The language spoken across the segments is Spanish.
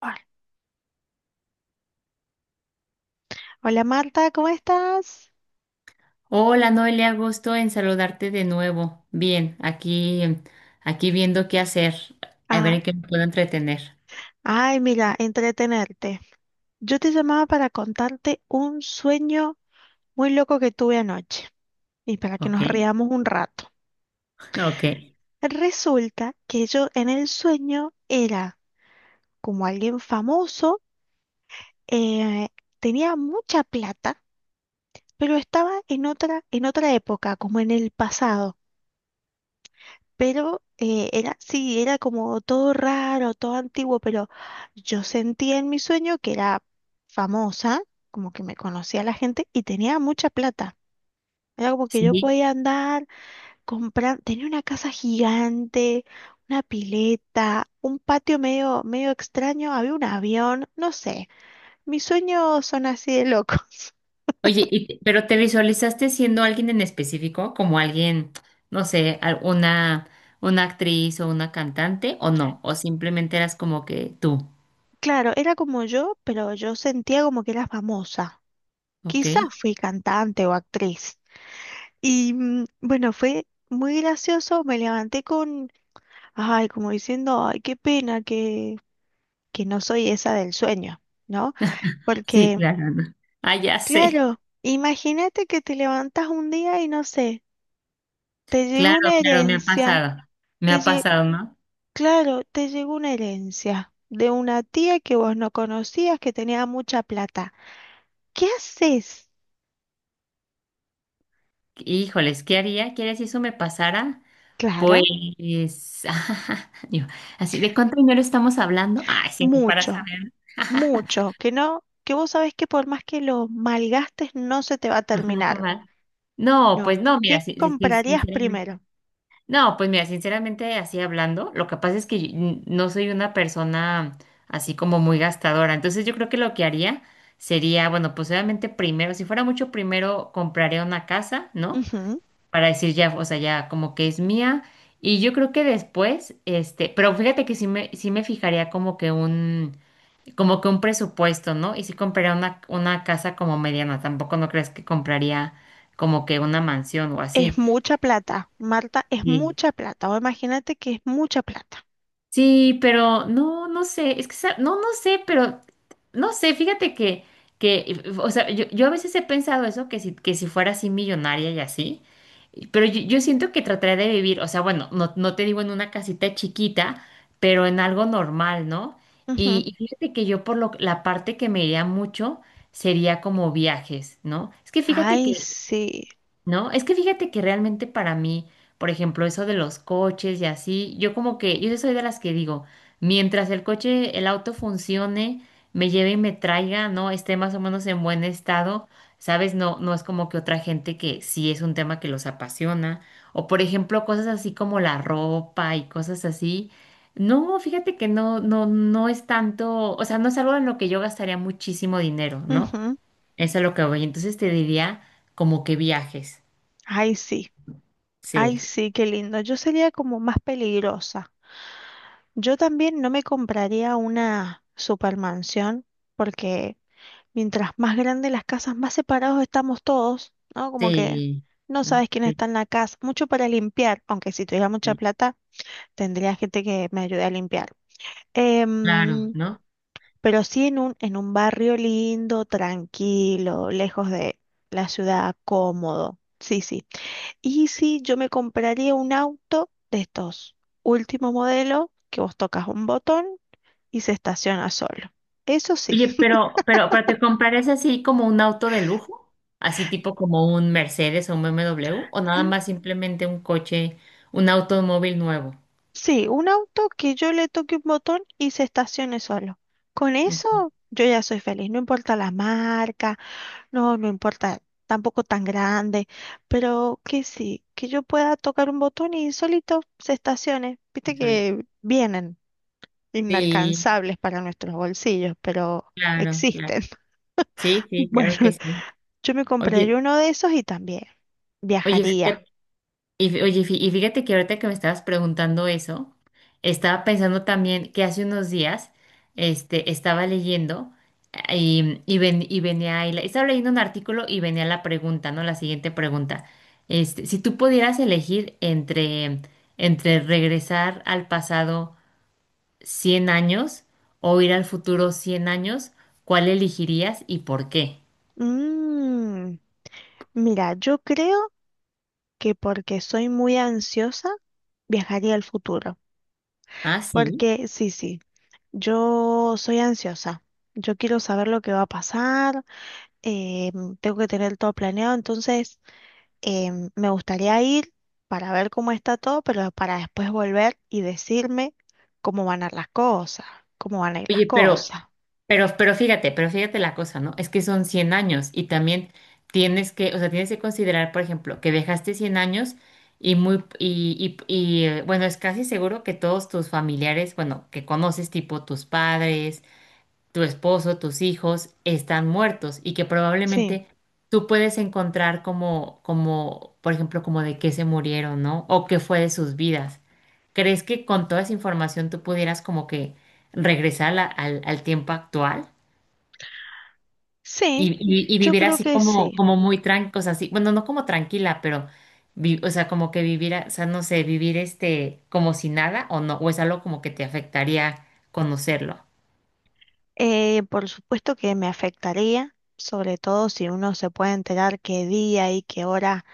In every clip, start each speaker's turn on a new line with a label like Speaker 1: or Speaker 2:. Speaker 1: Hola. Hola, Marta, ¿cómo estás?
Speaker 2: Hola Noelia, gusto en saludarte de nuevo. Bien, aquí, aquí viendo qué hacer, a ver
Speaker 1: Ah,
Speaker 2: en qué me puedo entretener.
Speaker 1: ay, mira, entretenerte. Yo te llamaba para contarte un sueño muy loco que tuve anoche y para que
Speaker 2: Ok,
Speaker 1: nos riamos un rato.
Speaker 2: ok,
Speaker 1: Resulta que yo en el sueño era como alguien famoso, eh, tenía mucha plata, pero estaba en otra época, como en el pasado. Pero era, sí, era como todo raro, todo antiguo, pero yo sentía en mi sueño que era famosa, como que me conocía la gente y tenía mucha plata. Era como que yo
Speaker 2: sí.
Speaker 1: podía andar, comprar, tenía una casa gigante, una pileta, un patio medio, medio extraño, había un avión, no sé, mis sueños son así de locos.
Speaker 2: Oye, pero ¿te visualizaste siendo alguien en específico, como alguien, no sé, una actriz o una cantante o no? ¿O simplemente eras como que tú?
Speaker 1: Claro, era como yo, pero yo sentía como que era famosa.
Speaker 2: Ok.
Speaker 1: Quizás fui cantante o actriz. Y bueno, fue muy gracioso, me levanté con, ay, como diciendo, ay, qué pena que no soy esa del sueño, ¿no?
Speaker 2: Sí,
Speaker 1: Porque,
Speaker 2: claro, ¿no? Ah, ya sé.
Speaker 1: claro, imagínate que te levantas un día y no sé, te llegó
Speaker 2: Claro,
Speaker 1: una
Speaker 2: claro, me ha
Speaker 1: herencia,
Speaker 2: pasado. Me
Speaker 1: te
Speaker 2: ha
Speaker 1: lle-
Speaker 2: pasado, ¿no?
Speaker 1: claro, te llegó una herencia de una tía que vos no conocías, que tenía mucha plata. ¿Qué haces?
Speaker 2: Híjoles, ¿qué haría? ¿Quieres si eso me pasara?
Speaker 1: Claro,
Speaker 2: Pues, yo, así, ¿de cuánto dinero estamos hablando? Ay, sí, no, para
Speaker 1: mucho,
Speaker 2: saber,
Speaker 1: mucho, que no, que vos sabés que por más que lo malgastes no se te va a
Speaker 2: no se va a
Speaker 1: terminar.
Speaker 2: acabar. No, pues
Speaker 1: No.
Speaker 2: no, mira,
Speaker 1: ¿Qué
Speaker 2: sí, sí, sí,
Speaker 1: comprarías
Speaker 2: sinceramente.
Speaker 1: primero?
Speaker 2: No, pues mira, sinceramente, así hablando, lo que pasa es que yo, no soy una persona así como muy gastadora. Entonces, yo creo que lo que haría sería, bueno, pues obviamente primero, si fuera mucho, primero compraría una casa, ¿no?
Speaker 1: Ujú.
Speaker 2: Para decir ya, o sea, ya como que es mía. Y yo creo que después, este, pero fíjate que sí me fijaría como que un presupuesto, ¿no? Y sí compraría una casa como mediana, tampoco no crees que compraría como que una mansión o
Speaker 1: Es
Speaker 2: así.
Speaker 1: mucha plata, Marta, es
Speaker 2: Sí.
Speaker 1: mucha plata. O imagínate que es mucha plata.
Speaker 2: Sí, pero no, no sé, no, no sé, pero no sé, fíjate que, o sea, yo a veces he pensado eso, que si fuera así millonaria y así, pero yo siento que trataré de vivir, o sea, bueno, no, no te digo en una casita chiquita, pero en algo normal, ¿no?
Speaker 1: Ujú.
Speaker 2: Y fíjate que yo por lo, la parte que me iría mucho sería como viajes, ¿no? Es que fíjate que
Speaker 1: Ay, sí.
Speaker 2: ¿no? Es que fíjate que realmente para mí, por ejemplo, eso de los coches y así, yo como que, yo soy de las que digo, mientras el coche, el auto funcione, me lleve y me traiga, ¿no? Esté más o menos en buen estado, ¿sabes? No, no es como que otra gente que sí es un tema que los apasiona, o por ejemplo, cosas así como la ropa y cosas así. No, fíjate que no, no, no es tanto, o sea, no es algo en lo que yo gastaría muchísimo dinero, ¿no?
Speaker 1: Ujú.
Speaker 2: Eso es a lo que voy. Entonces te diría como que viajes.
Speaker 1: Ay, sí. Ay,
Speaker 2: Sí,
Speaker 1: sí, qué lindo. Yo sería como más peligrosa. Yo también no me compraría una supermansión porque mientras más grandes las casas, más separados estamos todos, ¿no? Como que
Speaker 2: sí,
Speaker 1: no
Speaker 2: ¿no?
Speaker 1: sabes quién
Speaker 2: Sí,
Speaker 1: está en la casa. Mucho para limpiar, aunque si tuviera mucha
Speaker 2: sí,
Speaker 1: plata, tendría gente que me ayude a limpiar.
Speaker 2: claro,
Speaker 1: Em,
Speaker 2: ¿no?
Speaker 1: pero sí en un barrio lindo, tranquilo, lejos de la ciudad, cómodo. Sí, sí. Y sí, yo me compraría un auto de estos último modelo, que vos tocas un botón y se estaciona solo. Eso sí,
Speaker 2: Oye, pero ¿te comprarías así como un auto de lujo? Así tipo como un Mercedes o un BMW, o nada más simplemente un coche, un automóvil nuevo.
Speaker 1: sí, un auto que yo le toque un botón y se estacione solo. Con
Speaker 2: Ujú,
Speaker 1: eso yo ya soy feliz, no importa la marca, no, no importa tampoco tan grande, pero que sí, que yo pueda tocar un botón y solito se estacione. Viste
Speaker 2: solito.
Speaker 1: que vienen
Speaker 2: Sí,
Speaker 1: inalcanzables para nuestros bolsillos, pero
Speaker 2: claro, claro.
Speaker 1: existen.
Speaker 2: Sí, sí,
Speaker 1: Bueno,
Speaker 2: claro que sí.
Speaker 1: yo me
Speaker 2: Oye,
Speaker 1: compraría uno de esos y también
Speaker 2: oye,
Speaker 1: viajaría.
Speaker 2: fíjate. Y, oye, y fíjate que ahorita que me estabas preguntando eso, estaba pensando también que hace unos días este, estaba leyendo y, y venía ahí estaba leyendo un artículo y venía la pregunta, ¿no? La siguiente pregunta. Este, si tú pudieras elegir entre, entre regresar al pasado 100 años o ir al futuro 100 años, ¿cuál elegirías y por qué?
Speaker 1: Mmm Mira, yo creo que porque soy muy ansiosa, viajaría al futuro.
Speaker 2: Ah, sí.
Speaker 1: Porque sí, sí, yo soy ansiosa. Yo quiero saber lo que va a pasar, eh, tengo que tener todo planeado, entonces me gustaría ir para ver cómo está todo, pero para después volver y decirme cómo van a ir las cosas, cómo van a ir las
Speaker 2: Oye, pero...
Speaker 1: cosas.
Speaker 2: Pero fíjate la cosa, ¿no? Es que son 100 años y también tienes que, o sea, tienes que considerar, por ejemplo, que dejaste 100 años y muy, y, bueno, es casi seguro que todos tus familiares, bueno, que conoces, tipo tus padres, tu esposo, tus hijos, están muertos y que
Speaker 1: Sí,
Speaker 2: probablemente tú puedes encontrar como, como, por ejemplo, como de qué se murieron, ¿no? O qué fue de sus vidas. ¿Crees que con toda esa información tú pudieras como que regresar a al tiempo actual?
Speaker 1: sí,
Speaker 2: Y, y
Speaker 1: yo
Speaker 2: vivir
Speaker 1: creo
Speaker 2: así
Speaker 1: que
Speaker 2: como,
Speaker 1: sí.
Speaker 2: como muy tranquila, o sea, así, bueno, no como tranquila, pero, o sea, como que vivir, o sea, no sé, vivir este, como si nada o no, o es algo como que te afectaría conocerlo.
Speaker 1: Por supuesto que me afectaría, sobre todo si uno se puede enterar qué día y qué hora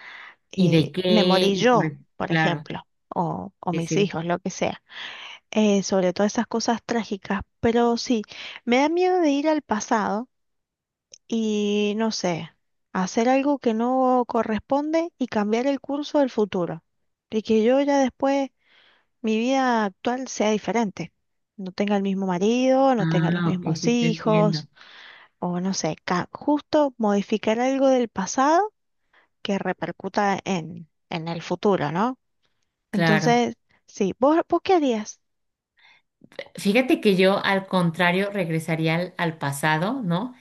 Speaker 2: ¿Y de
Speaker 1: me
Speaker 2: qué?
Speaker 1: morí
Speaker 2: Y
Speaker 1: yo,
Speaker 2: por,
Speaker 1: por
Speaker 2: claro,
Speaker 1: ejemplo, o
Speaker 2: sí,
Speaker 1: mis
Speaker 2: sí.
Speaker 1: hijos, lo que sea. Sobre todo esas cosas trágicas, pero sí, me da miedo de ir al pasado y, no sé, hacer algo que no corresponde y cambiar el curso del futuro. Y que yo ya después, mi vida actual sea diferente. No tenga el mismo marido, no tenga los
Speaker 2: Ah, ok,
Speaker 1: mismos
Speaker 2: sí te entiendo.
Speaker 1: hijos o no sé, justo modificar algo del pasado que repercuta en el futuro, ¿no?
Speaker 2: Claro.
Speaker 1: Entonces, sí, ¿vos, vos qué harías?
Speaker 2: Fíjate que yo, al contrario, regresaría al, al pasado, ¿no?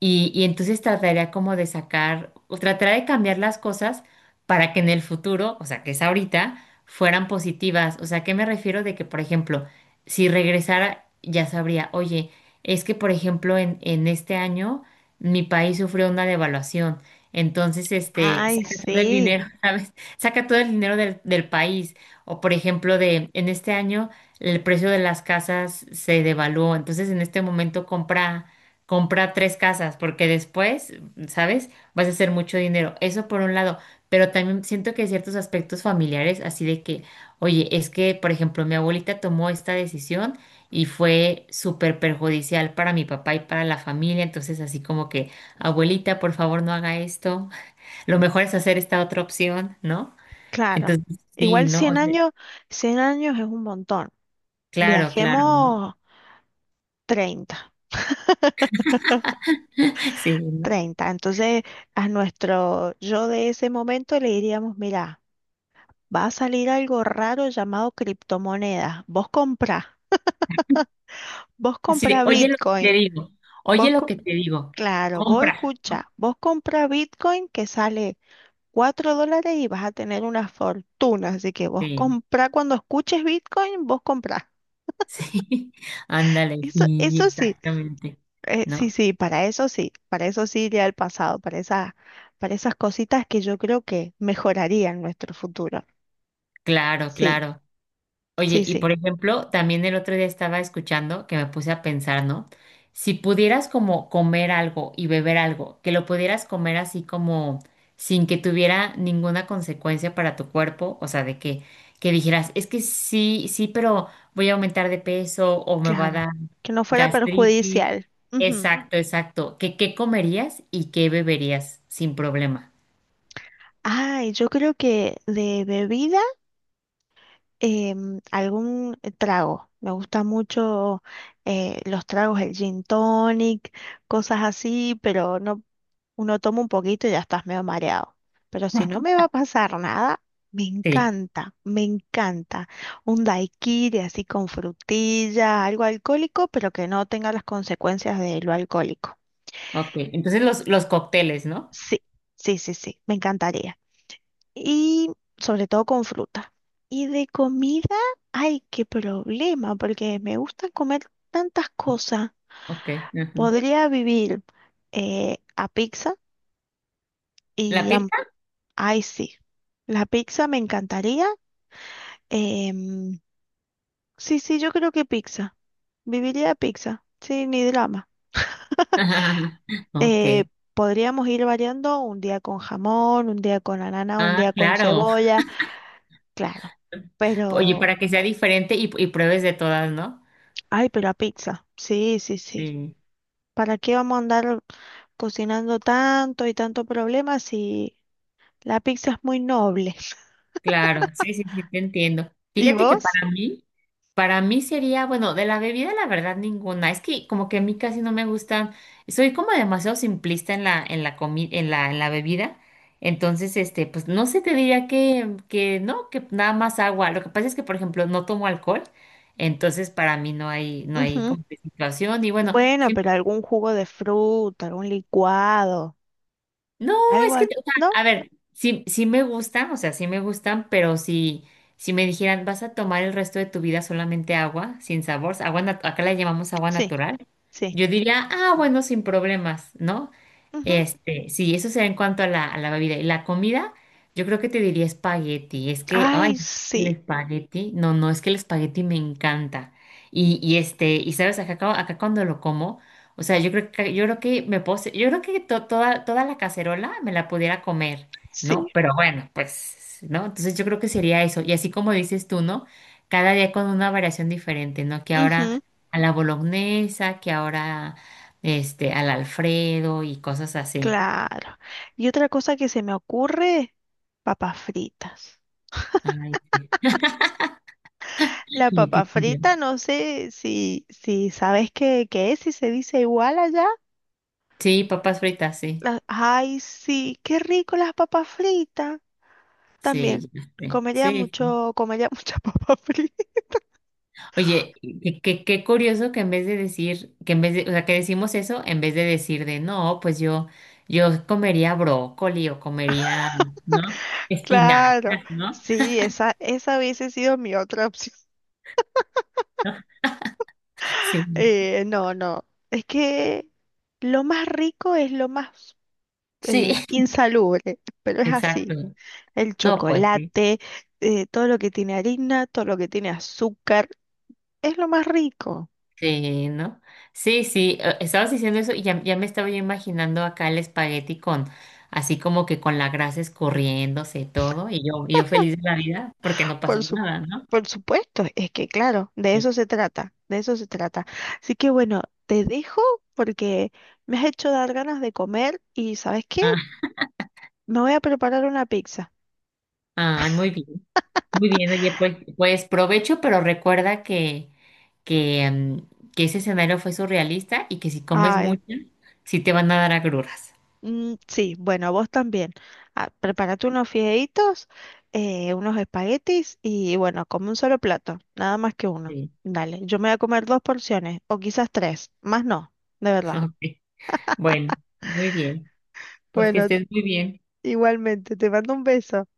Speaker 2: Y entonces trataría como de sacar, o trataría de cambiar las cosas para que en el futuro, o sea, que es ahorita, fueran positivas. O sea, ¿qué me refiero de que, por ejemplo, si regresara, ya sabría, oye, es que, por ejemplo, en este año mi país sufrió una devaluación. Entonces, este,
Speaker 1: Ay,
Speaker 2: saca todo el
Speaker 1: sí,
Speaker 2: dinero, ¿sabes? Saca todo el dinero del, del país. O, por ejemplo, de, en este año el precio de las casas se devaluó. Entonces, en este momento compra comprar tres casas, porque después, ¿sabes? Vas a hacer mucho dinero. Eso por un lado, pero también siento que hay ciertos aspectos familiares, así de que, oye, es que, por ejemplo, mi abuelita tomó esta decisión y fue súper perjudicial para mi papá y para la familia, entonces así como que, abuelita, por favor, no haga esto, lo mejor es hacer esta otra opción, ¿no?
Speaker 1: claro.
Speaker 2: Entonces, sí,
Speaker 1: Igual
Speaker 2: ¿no? O
Speaker 1: 100
Speaker 2: sea,
Speaker 1: años, 100 años es un montón.
Speaker 2: claro, claro, ¿no?
Speaker 1: Viajemos 30,
Speaker 2: Sí, ¿no?
Speaker 1: 30. Entonces, a nuestro yo de ese momento le diríamos, mira, va a salir algo raro llamado criptomonedas. Vos
Speaker 2: Así de,
Speaker 1: comprá
Speaker 2: oye lo que te
Speaker 1: Bitcoin.
Speaker 2: digo, oye
Speaker 1: Vos...
Speaker 2: lo que te digo,
Speaker 1: Claro, vos
Speaker 2: compra, ¿no?
Speaker 1: escucha, vos compras Bitcoin que sale $4 y vas a tener una fortuna. Así que vos
Speaker 2: Sí.
Speaker 1: comprá cuando escuches Bitcoin, vos comprás.
Speaker 2: Sí, ándale,
Speaker 1: Eso,
Speaker 2: sí,
Speaker 1: eso sí,
Speaker 2: exactamente.
Speaker 1: sí,
Speaker 2: No,
Speaker 1: sí, para eso sí, para eso sí iría al pasado, para esas cositas que yo creo que mejorarían nuestro futuro.
Speaker 2: claro,
Speaker 1: Sí,
Speaker 2: claro. Oye,
Speaker 1: sí,
Speaker 2: y
Speaker 1: sí,
Speaker 2: por ejemplo, también el otro día estaba escuchando que me puse a pensar, ¿no? Si pudieras como comer algo y beber algo, que lo pudieras comer así como sin que tuviera ninguna consecuencia para tu cuerpo, o sea, de que dijeras, es que sí, sí, pero voy a aumentar de peso o me va a
Speaker 1: claro.
Speaker 2: dar
Speaker 1: Que no fuera
Speaker 2: gastritis.
Speaker 1: perjudicial. Ujú.
Speaker 2: Exacto, exacto. ¿Qué, qué comerías y qué beberías sin problema?
Speaker 1: Ay, yo creo que de bebida. Algún trago. Me gusta mucho los tragos, el gin tonic, cosas así, pero no, uno toma un poquito y ya estás medio mareado. Pero si no me va a pasar nada, me
Speaker 2: Sí,
Speaker 1: encanta, me encanta. Un daiquiri así con frutilla, algo alcohólico, pero que no tenga las consecuencias de lo alcohólico.
Speaker 2: ok. Entonces los cócteles, ¿no?
Speaker 1: Sí, sí, sí, sí, me encantaría. Y sobre todo con fruta. Y de comida, ay, qué problema, porque me gusta comer tantas cosas.
Speaker 2: Ok. Ajá.
Speaker 1: Podría vivir a pizza
Speaker 2: ¿La
Speaker 1: y
Speaker 2: pizza?
Speaker 1: ay, sí. La pizza me encantaría. em, sí, sí, yo creo que pizza. Viviría de pizza, sí, ni drama.
Speaker 2: Ajá, ajá, ajá. Ok.
Speaker 1: Eh, podríamos ir variando un día con jamón, un día con ananá, un
Speaker 2: Ah,
Speaker 1: día con
Speaker 2: claro.
Speaker 1: cebolla, claro.
Speaker 2: Oye,
Speaker 1: Pero,
Speaker 2: para que sea diferente y pruebes de todas, ¿no?
Speaker 1: ay, pero a pizza, sí, sí, sí.
Speaker 2: Sí.
Speaker 1: ¿Para qué vamos a andar cocinando tanto y tanto problema si la pizza es muy noble?
Speaker 2: Claro, sí, sí, sí, te entiendo.
Speaker 1: ¿Y
Speaker 2: Fíjate que
Speaker 1: vos?
Speaker 2: para mí, para mí sería, bueno, de la bebida la verdad ninguna. Es que como que a mí casi no me gustan. Soy como demasiado simplista en la en la en la bebida. Entonces, este, pues no sé, te diría que no, que nada más agua. Lo que pasa es que, por ejemplo, no tomo alcohol. Entonces, para mí no hay no hay
Speaker 1: Ujú.
Speaker 2: como que situación y bueno,
Speaker 1: Bueno, pero algún jugo de fruta, algún licuado,
Speaker 2: no,
Speaker 1: algo
Speaker 2: es que,
Speaker 1: así,
Speaker 2: o sea,
Speaker 1: ¿no?
Speaker 2: a ver, sí, sí me gustan, o sea, sí me gustan, pero si, si me dijeran, vas a tomar el resto de tu vida solamente agua, sin sabor, acá la llamamos agua
Speaker 1: Sí,
Speaker 2: natural,
Speaker 1: sí.
Speaker 2: yo diría, ah, bueno, sin problemas, ¿no?
Speaker 1: Ujú.
Speaker 2: Este, sí, eso será en cuanto a la bebida. Y la comida, yo creo que te diría espagueti. Es que, ay,
Speaker 1: Ay,
Speaker 2: el
Speaker 1: sí,
Speaker 2: espagueti. No, no, es que el espagueti me encanta. Y este, y sabes, acá, acá cuando lo como, o sea, yo creo que me puedo, yo creo que toda, toda la cacerola me la pudiera comer,
Speaker 1: sí.
Speaker 2: ¿no? Pero bueno, pues, ¿no? Entonces yo creo que sería eso. Y así como dices tú, ¿no? Cada día con una variación diferente, ¿no? Que
Speaker 1: Ujú,
Speaker 2: ahora a la bolognesa, que ahora este, al Alfredo y cosas así.
Speaker 1: claro. Y otra cosa que se me ocurre, papas fritas.
Speaker 2: Ay, sí.
Speaker 1: La
Speaker 2: Ay, qué
Speaker 1: papa
Speaker 2: curioso.
Speaker 1: frita, no sé si, si sabes qué, qué es, si se dice igual allá.
Speaker 2: Sí, papas fritas, sí.
Speaker 1: Ay, sí, qué rico las papas fritas. También
Speaker 2: Sí, ya sé.
Speaker 1: comería
Speaker 2: Sí, sí.
Speaker 1: mucho, comería mucha papa frita.
Speaker 2: Oye, qué, qué curioso que en vez de decir, que en vez de, o sea, que decimos eso, en vez de decir de no, pues yo comería brócoli o comería, ¿no?
Speaker 1: Claro,
Speaker 2: Espinacas, ¿no?
Speaker 1: sí, esa hubiese sido mi otra opción.
Speaker 2: Sí,
Speaker 1: No, no, es que lo más rico es lo más
Speaker 2: sí,
Speaker 1: insalubre, pero es
Speaker 2: exacto.
Speaker 1: así. El
Speaker 2: No, pues sí.
Speaker 1: chocolate, todo lo que tiene harina, todo lo que tiene azúcar, es lo más rico.
Speaker 2: Sí, ¿no? Sí, sí, estabas diciendo eso y ya, ya me estaba yo imaginando acá el espagueti con, así como que con la grasa escurriéndose y todo, y yo feliz de la vida porque no pasó
Speaker 1: Por su-
Speaker 2: nada, ¿no?
Speaker 1: por supuesto, es que claro, de
Speaker 2: Sí.
Speaker 1: eso se trata, de eso se trata. Así que bueno, te dejo porque me has hecho dar ganas de comer y ¿sabes qué?
Speaker 2: Ah,
Speaker 1: Me voy a preparar una pizza.
Speaker 2: ay, muy bien, oye, pues, pues provecho, pero recuerda que, que ese escenario fue surrealista y que si comes
Speaker 1: Ay,
Speaker 2: mucho, sí te van a dar agruras.
Speaker 1: sí, bueno, vos también. Ah, prepárate unos fideitos, unos espaguetis y bueno, come un solo plato, nada más que uno.
Speaker 2: Sí,
Speaker 1: Dale, yo me voy a comer dos porciones o quizás tres, más no, de verdad.
Speaker 2: ok, bueno, muy bien, pues que
Speaker 1: Bueno,
Speaker 2: estés muy bien.
Speaker 1: igualmente, te mando un beso.